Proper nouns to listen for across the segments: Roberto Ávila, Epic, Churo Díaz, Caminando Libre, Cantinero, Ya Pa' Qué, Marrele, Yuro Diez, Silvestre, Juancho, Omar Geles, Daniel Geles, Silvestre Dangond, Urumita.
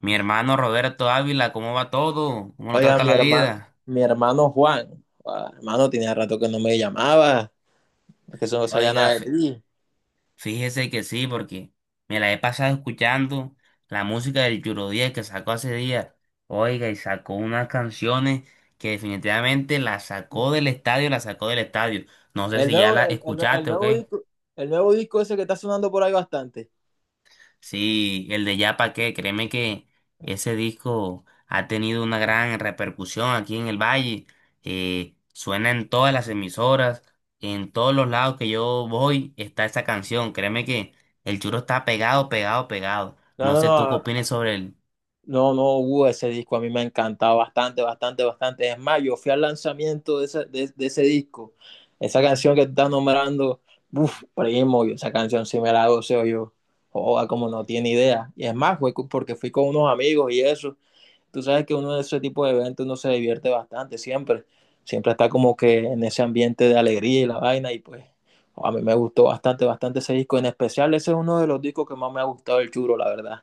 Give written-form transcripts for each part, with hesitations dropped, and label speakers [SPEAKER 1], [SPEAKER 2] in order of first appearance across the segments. [SPEAKER 1] Mi hermano Roberto Ávila, ¿cómo va todo? ¿Cómo lo
[SPEAKER 2] Oiga,
[SPEAKER 1] trata la vida?
[SPEAKER 2] mi hermano Juan, hermano, tenía rato que no me llamaba, que eso no sabía
[SPEAKER 1] Oiga,
[SPEAKER 2] nada de ti.
[SPEAKER 1] fíjese que sí, porque me la he pasado escuchando la música del Yuro Diez que sacó hace días. Oiga, y sacó unas canciones que definitivamente la sacó del estadio, la sacó del estadio. No sé
[SPEAKER 2] El
[SPEAKER 1] si ya
[SPEAKER 2] nuevo,
[SPEAKER 1] la
[SPEAKER 2] el
[SPEAKER 1] escuchaste o
[SPEAKER 2] nuevo
[SPEAKER 1] qué.
[SPEAKER 2] disco, el nuevo disco ese que está sonando por ahí bastante.
[SPEAKER 1] Sí, el de Ya Pa' Qué, créeme que ese disco ha tenido una gran repercusión aquí en el Valle. Suena en todas las emisoras, en todos los lados que yo voy está esa canción. Créeme que el churro está pegado, pegado, pegado.
[SPEAKER 2] No,
[SPEAKER 1] No
[SPEAKER 2] no,
[SPEAKER 1] sé tú qué
[SPEAKER 2] no,
[SPEAKER 1] opinas sobre el.
[SPEAKER 2] no, no, Hugo, ese disco a mí me ha encantado bastante, bastante, bastante. Es más, yo fui al lanzamiento de ese, de ese disco, esa canción que estás nombrando, uff, primo, yo esa canción sí me la goceo yo. Joda, como no tiene idea. Y es más, porque fui con unos amigos y eso. Tú sabes que uno de ese tipo de eventos uno se divierte bastante siempre. Siempre está como que en ese ambiente de alegría y la vaina, y pues a mí me gustó bastante, bastante ese disco. En especial, ese es uno de los discos que más me ha gustado el churo, la verdad.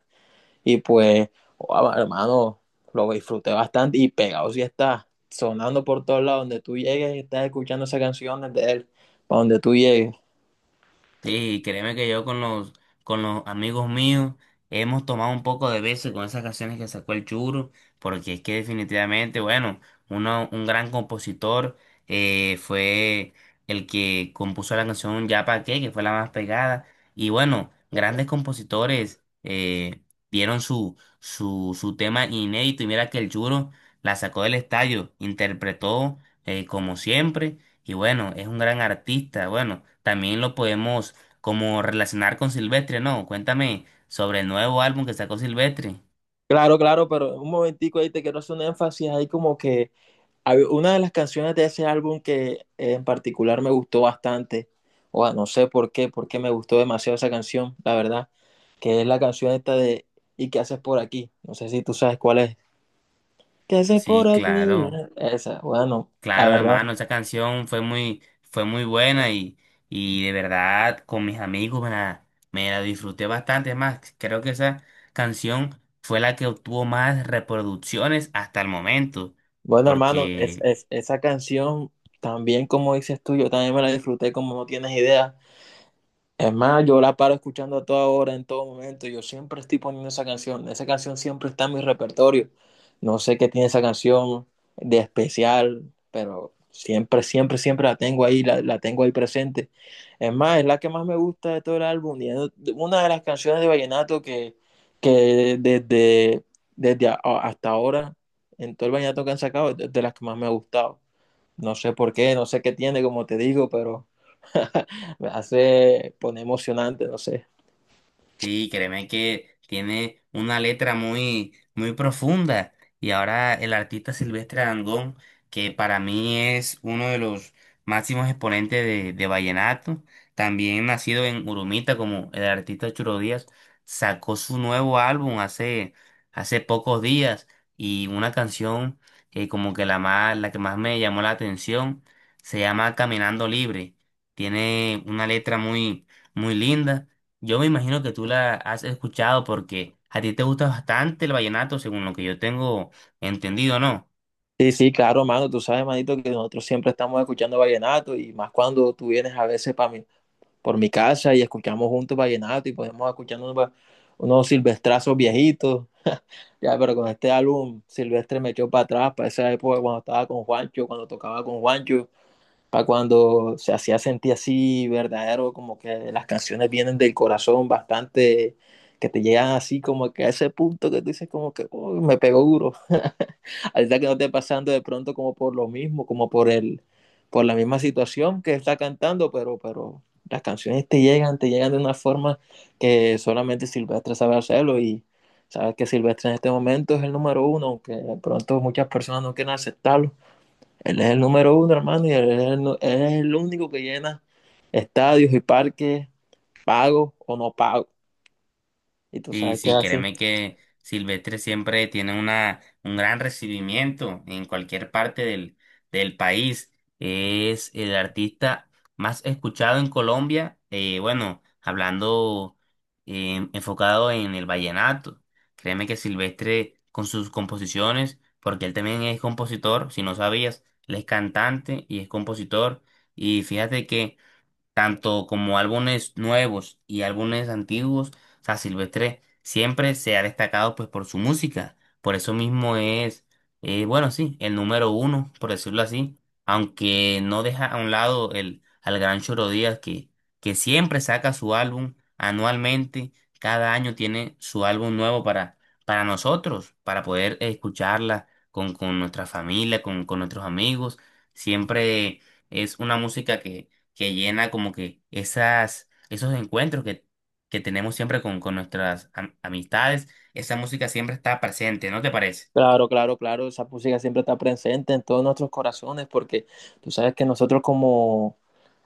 [SPEAKER 2] Y pues, oh, hermano, lo disfruté bastante y pegado sí está sonando por todos lados, donde tú llegues, estás escuchando esas canciones de él, para donde tú llegues.
[SPEAKER 1] Sí, créeme que yo con los amigos míos hemos tomado un poco de veces con esas canciones que sacó el Churo, porque es que definitivamente, bueno, uno, un gran compositor fue el que compuso la canción Ya Pa' Qué, que fue la más pegada, y bueno, grandes compositores dieron su tema inédito, y mira que el Churo la sacó del estadio, interpretó como siempre, y bueno, es un gran artista, bueno, también lo podemos como relacionar con Silvestre, ¿no? Cuéntame sobre el nuevo álbum que sacó Silvestre.
[SPEAKER 2] Claro, claro, pero un momentico ahí te quiero hacer un énfasis ahí como que una de las canciones de ese álbum que en particular me gustó bastante, o no sé por qué, porque me gustó demasiado esa canción, la verdad, que es la canción esta de ¿y qué haces por aquí? No sé si tú sabes cuál es. ¿Qué haces por
[SPEAKER 1] Sí,
[SPEAKER 2] aquí?
[SPEAKER 1] claro,
[SPEAKER 2] Esa, bueno, la
[SPEAKER 1] claro,
[SPEAKER 2] verdad.
[SPEAKER 1] hermano, esa canción fue muy buena y de verdad con mis amigos me la disfruté bastante. Es más, creo que esa canción fue la que obtuvo más reproducciones hasta el momento,
[SPEAKER 2] Bueno, hermano,
[SPEAKER 1] porque
[SPEAKER 2] esa canción también, como dices tú, yo también me la disfruté como no tienes idea. Es más, yo la paro escuchando a toda hora, en todo momento. Yo siempre estoy poniendo esa canción. Esa canción siempre está en mi repertorio. No sé qué tiene esa canción de especial, pero siempre, siempre, siempre la tengo ahí, la tengo ahí presente. Es más, es la que más me gusta de todo el álbum. Y es una de las canciones de vallenato que desde, desde a- hasta ahora, en todo el vallenato que han sacado, es de las que más me ha gustado. No sé por qué, no sé qué tiene, como te digo, pero... me hace poner emocionante, no sé.
[SPEAKER 1] sí, créeme que tiene una letra muy, muy profunda. Y ahora el artista Silvestre Dangond, que para mí es uno de los máximos exponentes de vallenato, también nacido en Urumita como el artista Churo Díaz, sacó su nuevo álbum hace pocos días y una canción que como que la más, la que más me llamó la atención se llama Caminando Libre. Tiene una letra muy, muy linda. Yo me imagino que tú la has escuchado porque a ti te gusta bastante el vallenato, según lo que yo tengo entendido, ¿no?
[SPEAKER 2] Sí, sí, claro, mano, tú sabes, manito, que nosotros siempre estamos escuchando vallenato, y más cuando tú vienes a veces para mi, por mi casa, y escuchamos juntos vallenato y podemos escuchar unos unos silvestrazos viejitos. Ya, pero con este álbum Silvestre me echó para atrás, para esa época cuando estaba con Juancho, cuando tocaba con Juancho, para cuando se hacía sentir así verdadero, como que las canciones vienen del corazón bastante, que te llegan así como que a ese punto que tú dices como que "Uy, me pegó duro". Ahorita que no esté pasando de pronto como por lo mismo, como por el, por la misma situación que está cantando, pero las canciones te llegan de una forma que solamente Silvestre sabe hacerlo. Y sabes que Silvestre en este momento es el número uno, aunque de pronto muchas personas no quieren aceptarlo. Él es el número uno, hermano, y él es el, él es el único que llena estadios y parques, pago o no pago. Y tú
[SPEAKER 1] Sí,
[SPEAKER 2] sabes que
[SPEAKER 1] sí,
[SPEAKER 2] es así.
[SPEAKER 1] créeme que Silvestre siempre tiene una, un gran recibimiento en cualquier parte del país. Es el artista más escuchado en Colombia, bueno, hablando, enfocado en el vallenato. Créeme que Silvestre con sus composiciones, porque él también es compositor, si no sabías, él es cantante y es compositor. Y fíjate que tanto como álbumes nuevos y álbumes antiguos, o sea, Silvestre siempre se ha destacado pues por su música, por eso mismo es, bueno, sí, el número uno, por decirlo así, aunque no deja a un lado el, al gran Choro Díaz que siempre saca su álbum anualmente, cada año tiene su álbum nuevo para nosotros, para poder escucharla con nuestra familia, con nuestros amigos, siempre es una música que llena como que esas, esos encuentros que tenemos siempre con nuestras amistades. Esa música siempre está presente, ¿no te parece?
[SPEAKER 2] Claro, claro, claro, esa música siempre está presente en todos nuestros corazones porque tú sabes que nosotros como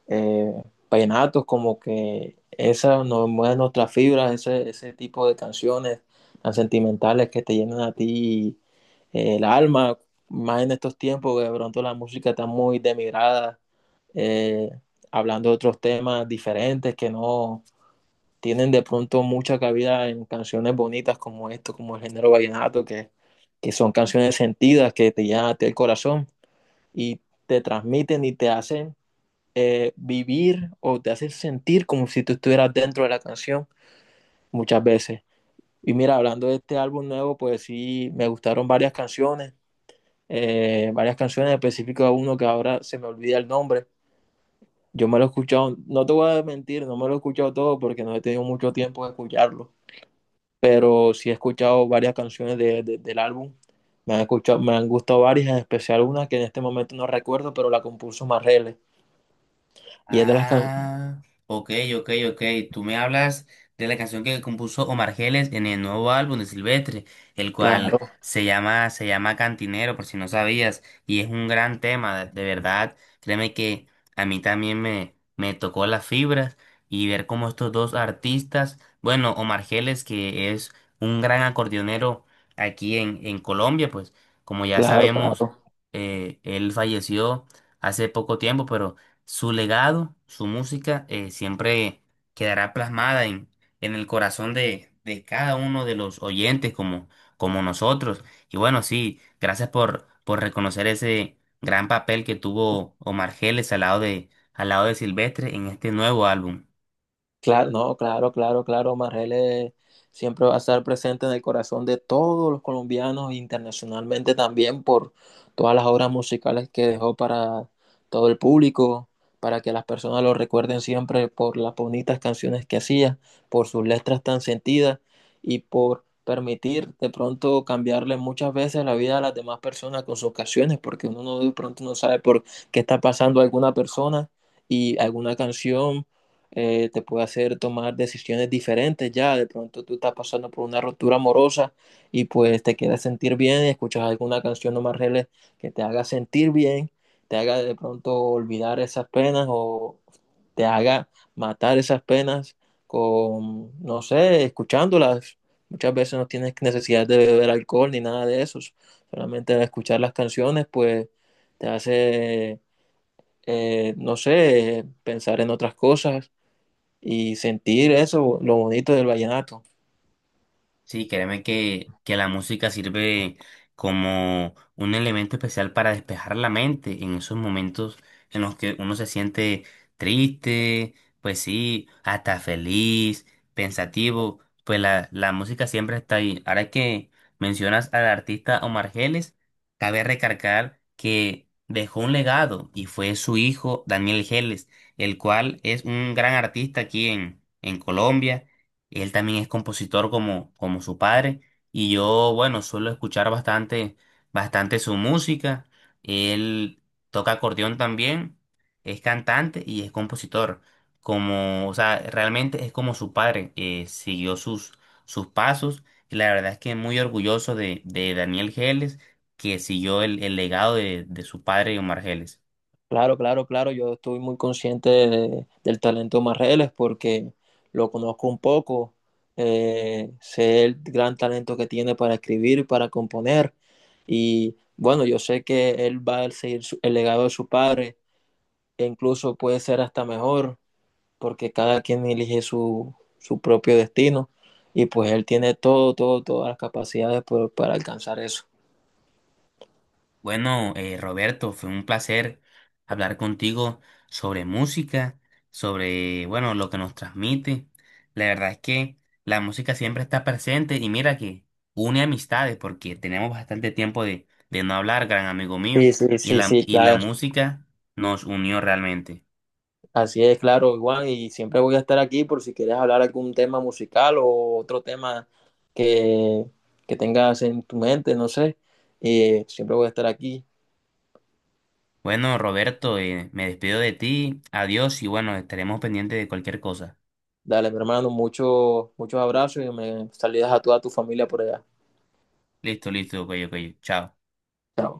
[SPEAKER 2] eh, vallenatos, como que esas nos mueven nuestras fibras, ese tipo de canciones tan sentimentales que te llenan a ti el alma, más en estos tiempos que de pronto la música está muy demigrada, eh, hablando de otros temas diferentes que no tienen de pronto mucha cabida en canciones bonitas como esto, como el género vallenato, que son canciones sentidas que te llenan a ti el corazón y te transmiten y te hacen vivir, o te hace sentir como si tú estuvieras dentro de la canción muchas veces. Y mira, hablando de este álbum nuevo, pues sí, me gustaron varias canciones en específicas, uno que ahora se me olvida el nombre. Yo me lo he escuchado, no te voy a mentir, no me lo he escuchado todo porque no he tenido mucho tiempo de escucharlo, pero sí he escuchado varias canciones del álbum. Me han escuchado, me han gustado varias, en especial una que en este momento no recuerdo, pero la compuso Marrele. Y es de las canciones.
[SPEAKER 1] Ah, ok, ok, ok. Tú me hablas de la canción que compuso Omar Geles en el nuevo álbum de Silvestre, el cual
[SPEAKER 2] Claro,
[SPEAKER 1] se llama Cantinero, por si no sabías, y es un gran tema, de verdad. Créeme que a mí también me tocó las fibras y ver cómo estos dos artistas, bueno, Omar Geles, que es un gran acordeonero aquí en Colombia, pues como ya
[SPEAKER 2] claro,
[SPEAKER 1] sabemos,
[SPEAKER 2] claro.
[SPEAKER 1] él falleció hace poco tiempo, pero su legado, su música, siempre quedará plasmada en el corazón de cada uno de los oyentes como, como nosotros. Y bueno, sí, gracias por reconocer ese gran papel que tuvo Omar Geles al lado de Silvestre en este nuevo álbum.
[SPEAKER 2] Claro, no, claro, claro, claro. Marrele siempre va a estar presente en el corazón de todos los colombianos, internacionalmente también, por todas las obras musicales que dejó para todo el público, para que las personas lo recuerden siempre por las bonitas canciones que hacía, por sus letras tan sentidas y por permitir de pronto cambiarle muchas veces la vida a las demás personas con sus canciones, porque uno no, de pronto no sabe por qué está pasando alguna persona y alguna canción te puede hacer tomar decisiones diferentes ya. De pronto tú estás pasando por una ruptura amorosa y pues te quieres sentir bien, y escuchas alguna canción o más que te haga sentir bien, te haga de pronto olvidar esas penas, o te haga matar esas penas con, no sé, escuchándolas. Muchas veces no tienes necesidad de beber alcohol ni nada de eso. Solamente escuchar las canciones, pues te hace, no sé, pensar en otras cosas y sentir eso, lo bonito del vallenato.
[SPEAKER 1] Sí, créeme que la música sirve como un elemento especial para despejar la mente en esos momentos en los que uno se siente triste, pues sí, hasta feliz, pensativo, pues la música siempre está ahí. Ahora que mencionas al artista Omar Geles, cabe recargar que dejó un legado y fue su hijo Daniel Geles, el cual es un gran artista aquí en Colombia y él también es compositor como, como su padre. Y yo, bueno, suelo escuchar bastante, bastante su música. Él toca acordeón también, es cantante y es compositor. Como, o sea, realmente es como su padre, siguió sus pasos. Y la verdad es que muy orgulloso de Daniel Geles, que siguió el legado de su padre, Omar Geles.
[SPEAKER 2] Claro, claro, claro, yo estoy muy consciente del talento de Marreles, porque lo conozco un poco, sé el gran talento que tiene para escribir, para componer, y bueno, yo sé que él va a seguir el legado de su padre, e incluso puede ser hasta mejor, porque cada quien elige su, su propio destino, y pues él tiene todo, todo, todas las capacidades para alcanzar eso.
[SPEAKER 1] Bueno, Roberto, fue un placer hablar contigo sobre música, sobre, bueno, lo que nos transmite. La verdad es que la música siempre está presente y mira que une amistades porque tenemos bastante tiempo de no hablar, gran amigo mío,
[SPEAKER 2] Sí, sí, sí, sí,
[SPEAKER 1] y la
[SPEAKER 2] claro.
[SPEAKER 1] música nos unió realmente.
[SPEAKER 2] Así es, claro, Juan, y siempre voy a estar aquí por si quieres hablar algún tema musical o otro tema que, que tengas en tu mente, no sé. Siempre voy a estar aquí.
[SPEAKER 1] Bueno, Roberto, me despido de ti, adiós y bueno, estaremos pendientes de cualquier cosa.
[SPEAKER 2] Dale, mi hermano, muchos muchos abrazos, y me salidas a toda tu familia por allá.
[SPEAKER 1] Listo, listo, ok, ok, chao.
[SPEAKER 2] Chao.